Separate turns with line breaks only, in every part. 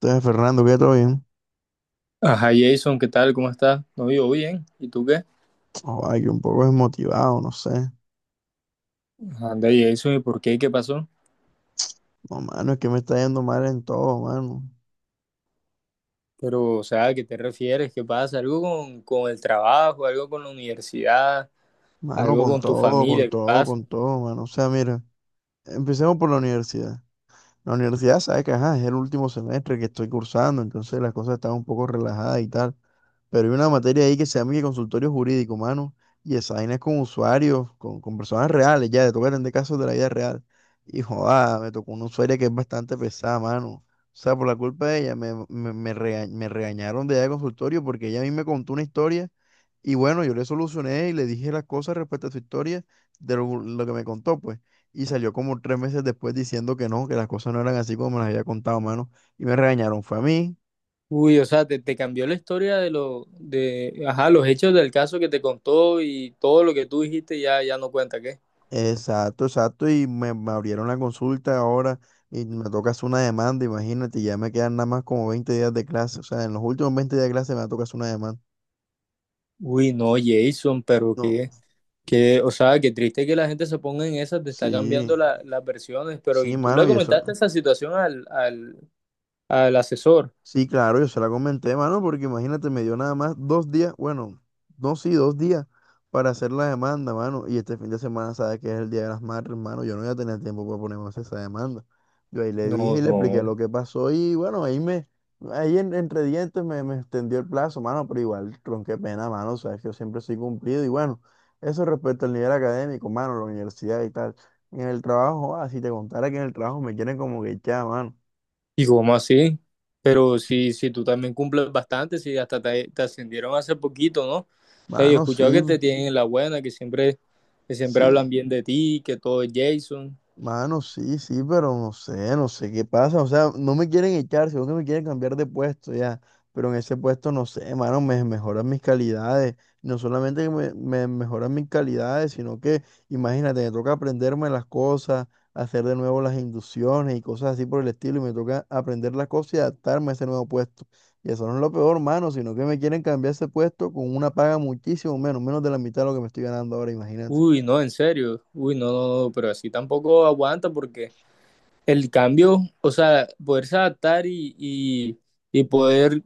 Entonces, Fernando, ¿qué? ¿Todo bien?
Ajá, Jason, ¿qué tal? ¿Cómo estás? No, yo bien. ¿Y tú qué?
Oh, Ay, que un poco desmotivado, no sé.
Anda, Jason, ¿y por qué? ¿Qué pasó?
No, mano, es que me está yendo mal en todo, mano.
Pero, o sea, ¿a qué te refieres? ¿Qué pasa? ¿Algo con el trabajo? ¿Algo con la universidad?
Mano,
¿Algo
con
con tu
todo, con
familia? ¿Qué
todo,
pasa?
con todo, mano. O sea, mira, empecemos por la universidad. La universidad sabe que ajá, es el último semestre que estoy cursando, entonces las cosas están un poco relajadas y tal. Pero hay una materia ahí que se llama que consultorio jurídico, mano. Y esa vaina es con usuarios, con personas reales, ya, te toca atender casos de la vida real. Y joda, me tocó una usuaria que es bastante pesada, mano. O sea, por la culpa de ella, me regañaron de allá de consultorio porque ella a mí me contó una historia. Y bueno, yo le solucioné y le dije las cosas respecto a su historia de lo que me contó, pues y salió como 3 meses después diciendo que no, que las cosas no eran así como me las había contado, mano. Y me regañaron, fue a mí,
Uy, o sea, te cambió la historia de lo, de, ajá, los hechos del caso que te contó y todo lo que tú dijiste ya no cuenta, ¿qué?
exacto, exacto, y me abrieron la consulta ahora y me toca hacer una demanda, imagínate, y ya me quedan nada más como 20 días de clase, o sea, en los últimos 20 días de clase me toca hacer una demanda.
Uy, no, Jason,
No,
o sea, qué triste que la gente se ponga en esas, te está
sí,
cambiando la- las versiones, pero
sí,
¿y tú
mano,
le
y eso.
comentaste esa situación al asesor?
Sí, claro, yo se la comenté, mano, porque imagínate, me dio nada más 2 días, bueno, no, sí, 2 días para hacer la demanda, mano. Y este fin de semana, sabes que es el Día de las Madres, mano. Yo no voy a tener tiempo para ponerme a hacer esa demanda. Yo ahí le dije
No,
y le expliqué lo
no.
que pasó y bueno, ahí entre dientes me extendió el plazo, mano, pero igual, tron, qué pena, mano, sabes que yo siempre soy cumplido. Y bueno, eso respecto al nivel académico, mano, la universidad y tal. En el trabajo, ah, si te contara que en el trabajo me quieren como que echar, mano.
¿Y cómo así? Pero si, si tú también cumples bastante, si hasta te ascendieron hace poquito, ¿no? O sea, yo he
Mano,
escuchado
sí.
que te tienen en la buena, que siempre
Sí,
hablan bien de ti, que todo es Jason.
mano, sí, sí, pero no sé, no sé qué pasa. O sea, no me quieren echar, sino que me quieren cambiar de puesto ya. Pero en ese puesto, no sé, mano, me mejoran mis calidades. No solamente que me mejoran mis calidades, sino que, imagínate, me toca aprenderme las cosas, hacer de nuevo las inducciones y cosas así por el estilo. Y me toca aprender las cosas y adaptarme a ese nuevo puesto. Y eso no es lo peor, mano, sino que me quieren cambiar ese puesto con una paga muchísimo menos, menos de la mitad de lo que me estoy ganando ahora, imagínate.
Uy, no, en serio. Uy, no, no, no, pero así tampoco aguanta porque el cambio, o sea, poderse adaptar y poder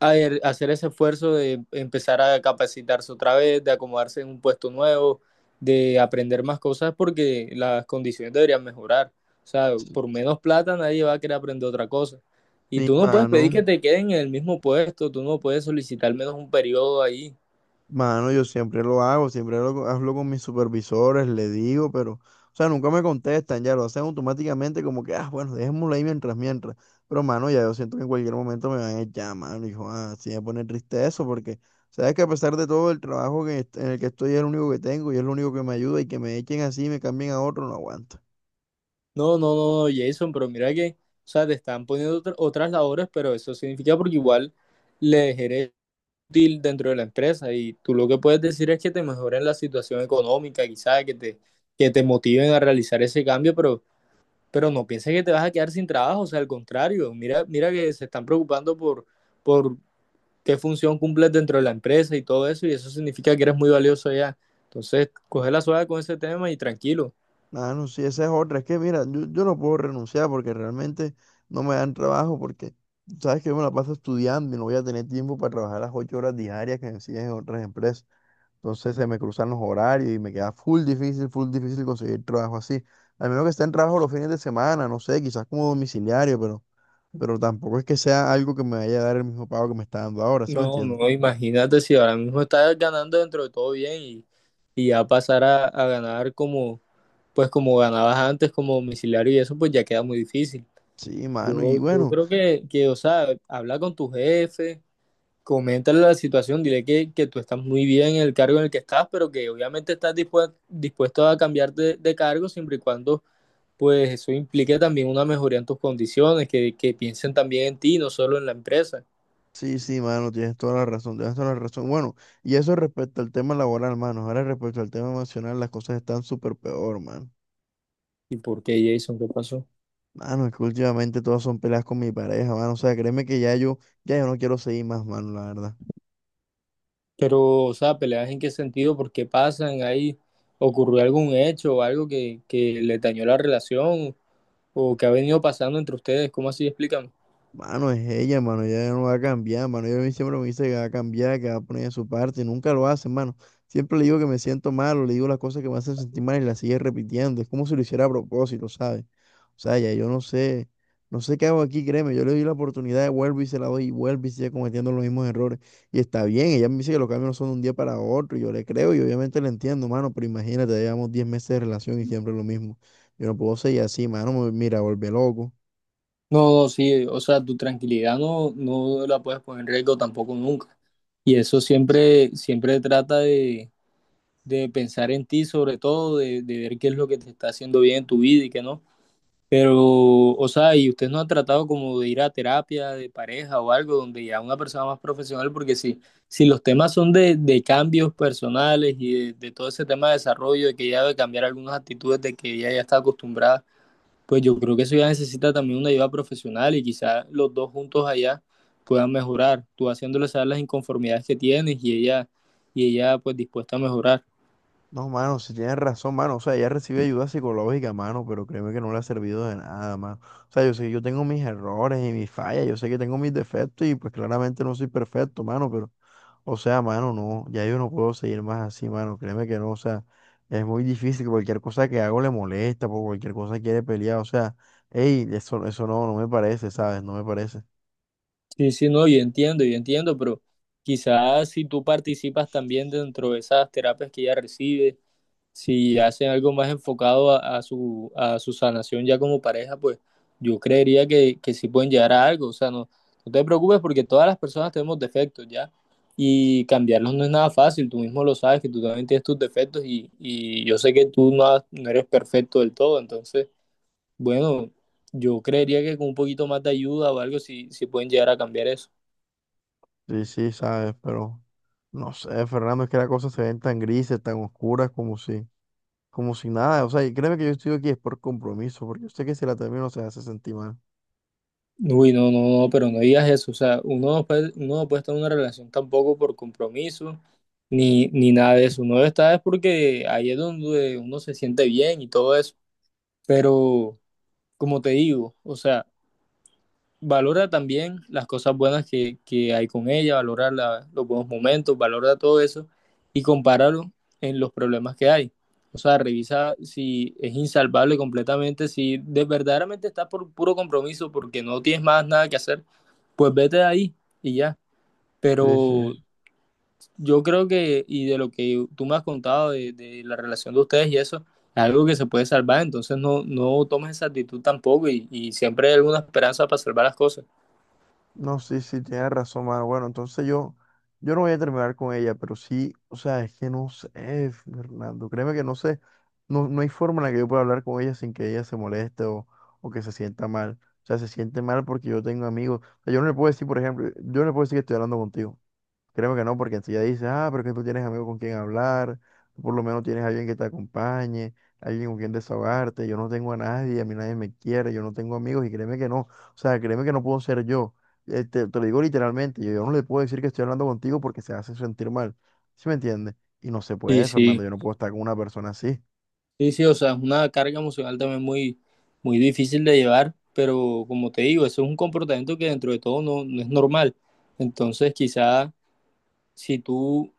hacer ese esfuerzo de empezar a capacitarse otra vez, de acomodarse en un puesto nuevo, de aprender más cosas porque las condiciones deberían mejorar. O sea,
Sí.
por menos plata nadie va a querer aprender otra cosa. Y
Sí,
tú no puedes pedir
mano.
que te queden en el mismo puesto, tú no puedes solicitar menos un periodo ahí.
Mano, yo siempre lo hago, hablo con mis supervisores, le digo, pero, o sea, nunca me contestan, ya lo hacen automáticamente como que, ah, bueno, dejémoslo ahí mientras. Pero, mano, ya yo siento que en cualquier momento me van a echar, mano, hijo, ah, sí me pone triste eso, porque, sabes que a pesar de todo el trabajo en el que estoy es el único que tengo y es lo único que me ayuda y que me echen así y me cambien a otro, no aguanto.
No, no, no, no, Jason, pero mira que, o sea, te están poniendo otra- otras labores, pero eso significa porque igual le ejerces útil dentro de la empresa y tú lo que puedes decir es que te mejoren la situación económica, quizás que te motiven a realizar ese cambio, pero no pienses que te vas a quedar sin trabajo, o sea, al contrario, mira que se están preocupando por qué función cumples dentro de la empresa y todo eso, y eso significa que eres muy valioso ya. Entonces, coge la suave con ese tema y tranquilo.
Ah, no, sí, esa es otra. Es que, mira, yo no puedo renunciar porque realmente no me dan trabajo porque, sabes que yo me la paso estudiando y no voy a tener tiempo para trabajar las 8 horas diarias que me exigen en otras empresas. Entonces se me cruzan los horarios y me queda full difícil conseguir trabajo así. Al menos que esté en trabajo los fines de semana, no sé, quizás como domiciliario, pero tampoco es que sea algo que me vaya a dar el mismo pago que me está dando ahora, ¿sí me
No,
entiendes?
no, imagínate si ahora mismo estás ganando dentro de todo bien y ya pasar a ganar como, pues como ganabas antes como domiciliario y eso, pues ya queda muy difícil.
Sí, mano, y
Yo
bueno.
creo o sea, habla con tu jefe, coméntale la situación, dile que tú estás muy bien en el cargo en el que estás, pero que obviamente estás dispue- dispuesto a cambiar de cargo siempre y cuando pues eso implique también una mejoría en tus condiciones, que piensen también en ti, no solo en la empresa.
Sí, sí, mano, tienes toda la razón, tienes toda la razón. Bueno, y eso respecto al tema laboral, mano. Ahora respecto al tema emocional, las cosas están súper peor, mano.
¿Y por qué, Jason? ¿Qué pasó?
Mano, es que últimamente todas son peleas con mi pareja, mano. O sea, créeme que ya yo no quiero seguir más, mano, la verdad.
Pero, o sea, peleas en qué sentido, por qué pasan, ahí ocurrió algún hecho o algo que le dañó la relación o que ha venido pasando entre ustedes, ¿cómo así? Explícame.
Mano, es ella, mano, ella no va a cambiar, mano. Ella a mí siempre me dice que va a cambiar, que va a poner de su parte, y nunca lo hace, mano. Siempre le digo que me siento mal, o le digo las cosas que me hacen sentir mal y la sigue repitiendo. Es como si lo hiciera a propósito, ¿sabes? O sea, ya yo no sé, no sé qué hago aquí, créeme. Yo le doy la oportunidad, vuelvo y se la doy, y vuelve y sigue cometiendo los mismos errores. Y está bien, ella me dice que los cambios no son de un día para otro, y yo le creo y obviamente le entiendo, mano, pero imagínate, ya llevamos 10 meses de relación y siempre lo mismo. Yo no puedo seguir así, mano, mira, volver loco.
No, no, sí, o sea, tu tranquilidad no la puedes poner en riesgo tampoco nunca. Y eso siempre trata de pensar en ti, sobre todo, de ver qué es lo que te está haciendo bien en tu vida y qué no. Pero, o sea, y usted no ha tratado como de ir a terapia de pareja o algo donde ya una persona más profesional, porque si, si los temas son de cambios personales y de todo ese tema de desarrollo, de que ella debe cambiar algunas actitudes de que ella ya está acostumbrada pues yo creo que eso ya necesita también una ayuda profesional y quizás los dos juntos allá puedan mejorar, tú haciéndole saber las inconformidades que tienes y ella pues dispuesta a mejorar.
No, mano, si tienes razón, mano. O sea, ella recibe ayuda psicológica, mano, pero créeme que no le ha servido de nada, mano. O sea, yo sé que yo tengo mis errores y mis fallas, yo sé que tengo mis defectos y pues claramente no soy perfecto, mano, pero, o sea, mano, no, ya yo no puedo seguir más así, mano. Créeme que no, o sea, es muy difícil, cualquier cosa que hago le molesta, por cualquier cosa quiere pelear, o sea, hey, eso no, no me parece, ¿sabes? No me parece.
Sí, sí, no, yo entiendo, pero quizás si tú participas también dentro de esas terapias que ella recibe, si hacen algo más enfocado a su sanación ya como pareja, pues yo creería que sí pueden llegar a algo. O sea, no, no te preocupes porque todas las personas tenemos defectos ya y cambiarlos no es nada fácil. Tú mismo lo sabes que tú también tienes tus defectos y yo sé que tú no, has- no eres perfecto del todo. Entonces, bueno, yo creería que con un poquito más de ayuda o algo sí, sí pueden llegar a cambiar eso.
Sí, sí, ¿sabes? Pero, no sé, Fernando, es que las cosas se ven tan grises, tan oscuras como si nada. O sea, y créeme que yo estoy aquí es por compromiso, porque yo sé que si la termino se hace sentir mal.
Uy, no, no, no, pero no digas eso. O sea, uno no puede estar en una relación tampoco por compromiso ni nada de eso. Uno está es porque ahí es donde uno se siente bien y todo eso. Pero, como te digo, o sea, valora también las cosas buenas que hay con ella, valora la- los buenos momentos, valora todo eso y compáralo en los problemas que hay. O sea, revisa si es insalvable completamente, si de, verdaderamente estás por puro compromiso porque no tienes más nada que hacer, pues vete de ahí y ya.
Sí, sí.
Pero yo creo que, y de lo que tú me has contado de la relación de ustedes y eso, es algo que se puede salvar, entonces no, no tomes esa actitud tampoco y, y siempre hay alguna esperanza para salvar las cosas.
No, sí, sí, tienes razón, mano. Bueno, entonces yo no voy a terminar con ella, pero sí, o sea, es que no sé, Fernando. Créeme que no sé, no hay forma en la que yo pueda hablar con ella sin que ella se moleste o que se sienta mal. O sea, se siente mal porque yo tengo amigos. O sea, yo no le puedo decir que estoy hablando contigo. Créeme que no, porque enseguida dices, ah, pero que tú tienes amigos con quien hablar, tú por lo menos tienes alguien que te acompañe, alguien con quien desahogarte, yo no tengo a nadie, a mí nadie me quiere, yo no tengo amigos y créeme que no, o sea, créeme que no puedo ser yo, te lo digo literalmente, yo no le puedo decir que estoy hablando contigo porque se hace sentir mal, ¿sí me entiendes? Y no se
Y
puede, Fernando,
sí,
yo no puedo estar con una persona así.
sí, sí, o sea, es una carga emocional también muy, muy difícil de llevar, pero como te digo, eso es un comportamiento que dentro de todo no, no es normal. Entonces, quizá si tú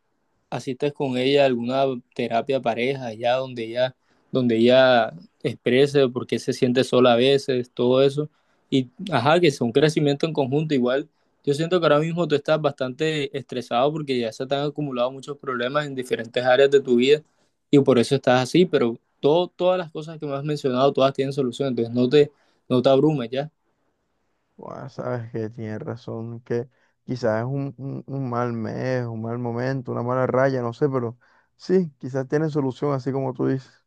asistes con ella a alguna terapia pareja, donde ella exprese por qué se siente sola a veces, todo eso. Y ajá, que es un crecimiento en conjunto igual. Yo siento que ahora mismo tú estás bastante estresado porque ya se te han acumulado muchos problemas en diferentes áreas de tu vida y por eso estás así, pero todo, todas las cosas que me has mencionado, todas tienen solución, entonces no te abrumes ya.
Buah, sabes que tienes razón, que quizás es un, un mal mes, un mal momento, una mala raya, no sé, pero sí, quizás tiene solución, así como tú dices.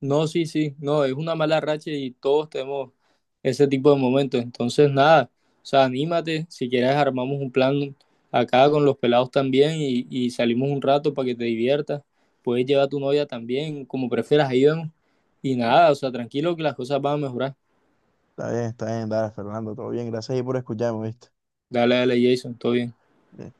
No, sí, sí, no, es una mala racha y todos tenemos ese tipo de momentos. Entonces, nada, o sea, anímate, si quieres armamos un plan acá con los pelados también y salimos un rato para que te diviertas. Puedes llevar a tu novia también, como prefieras, ahí vemos. Y nada, o sea, tranquilo que las cosas van a mejorar.
Está bien, dale, Fernando, todo bien, gracias ahí por escucharme, ¿viste?
Dale, dale, Jason, todo bien.
Bien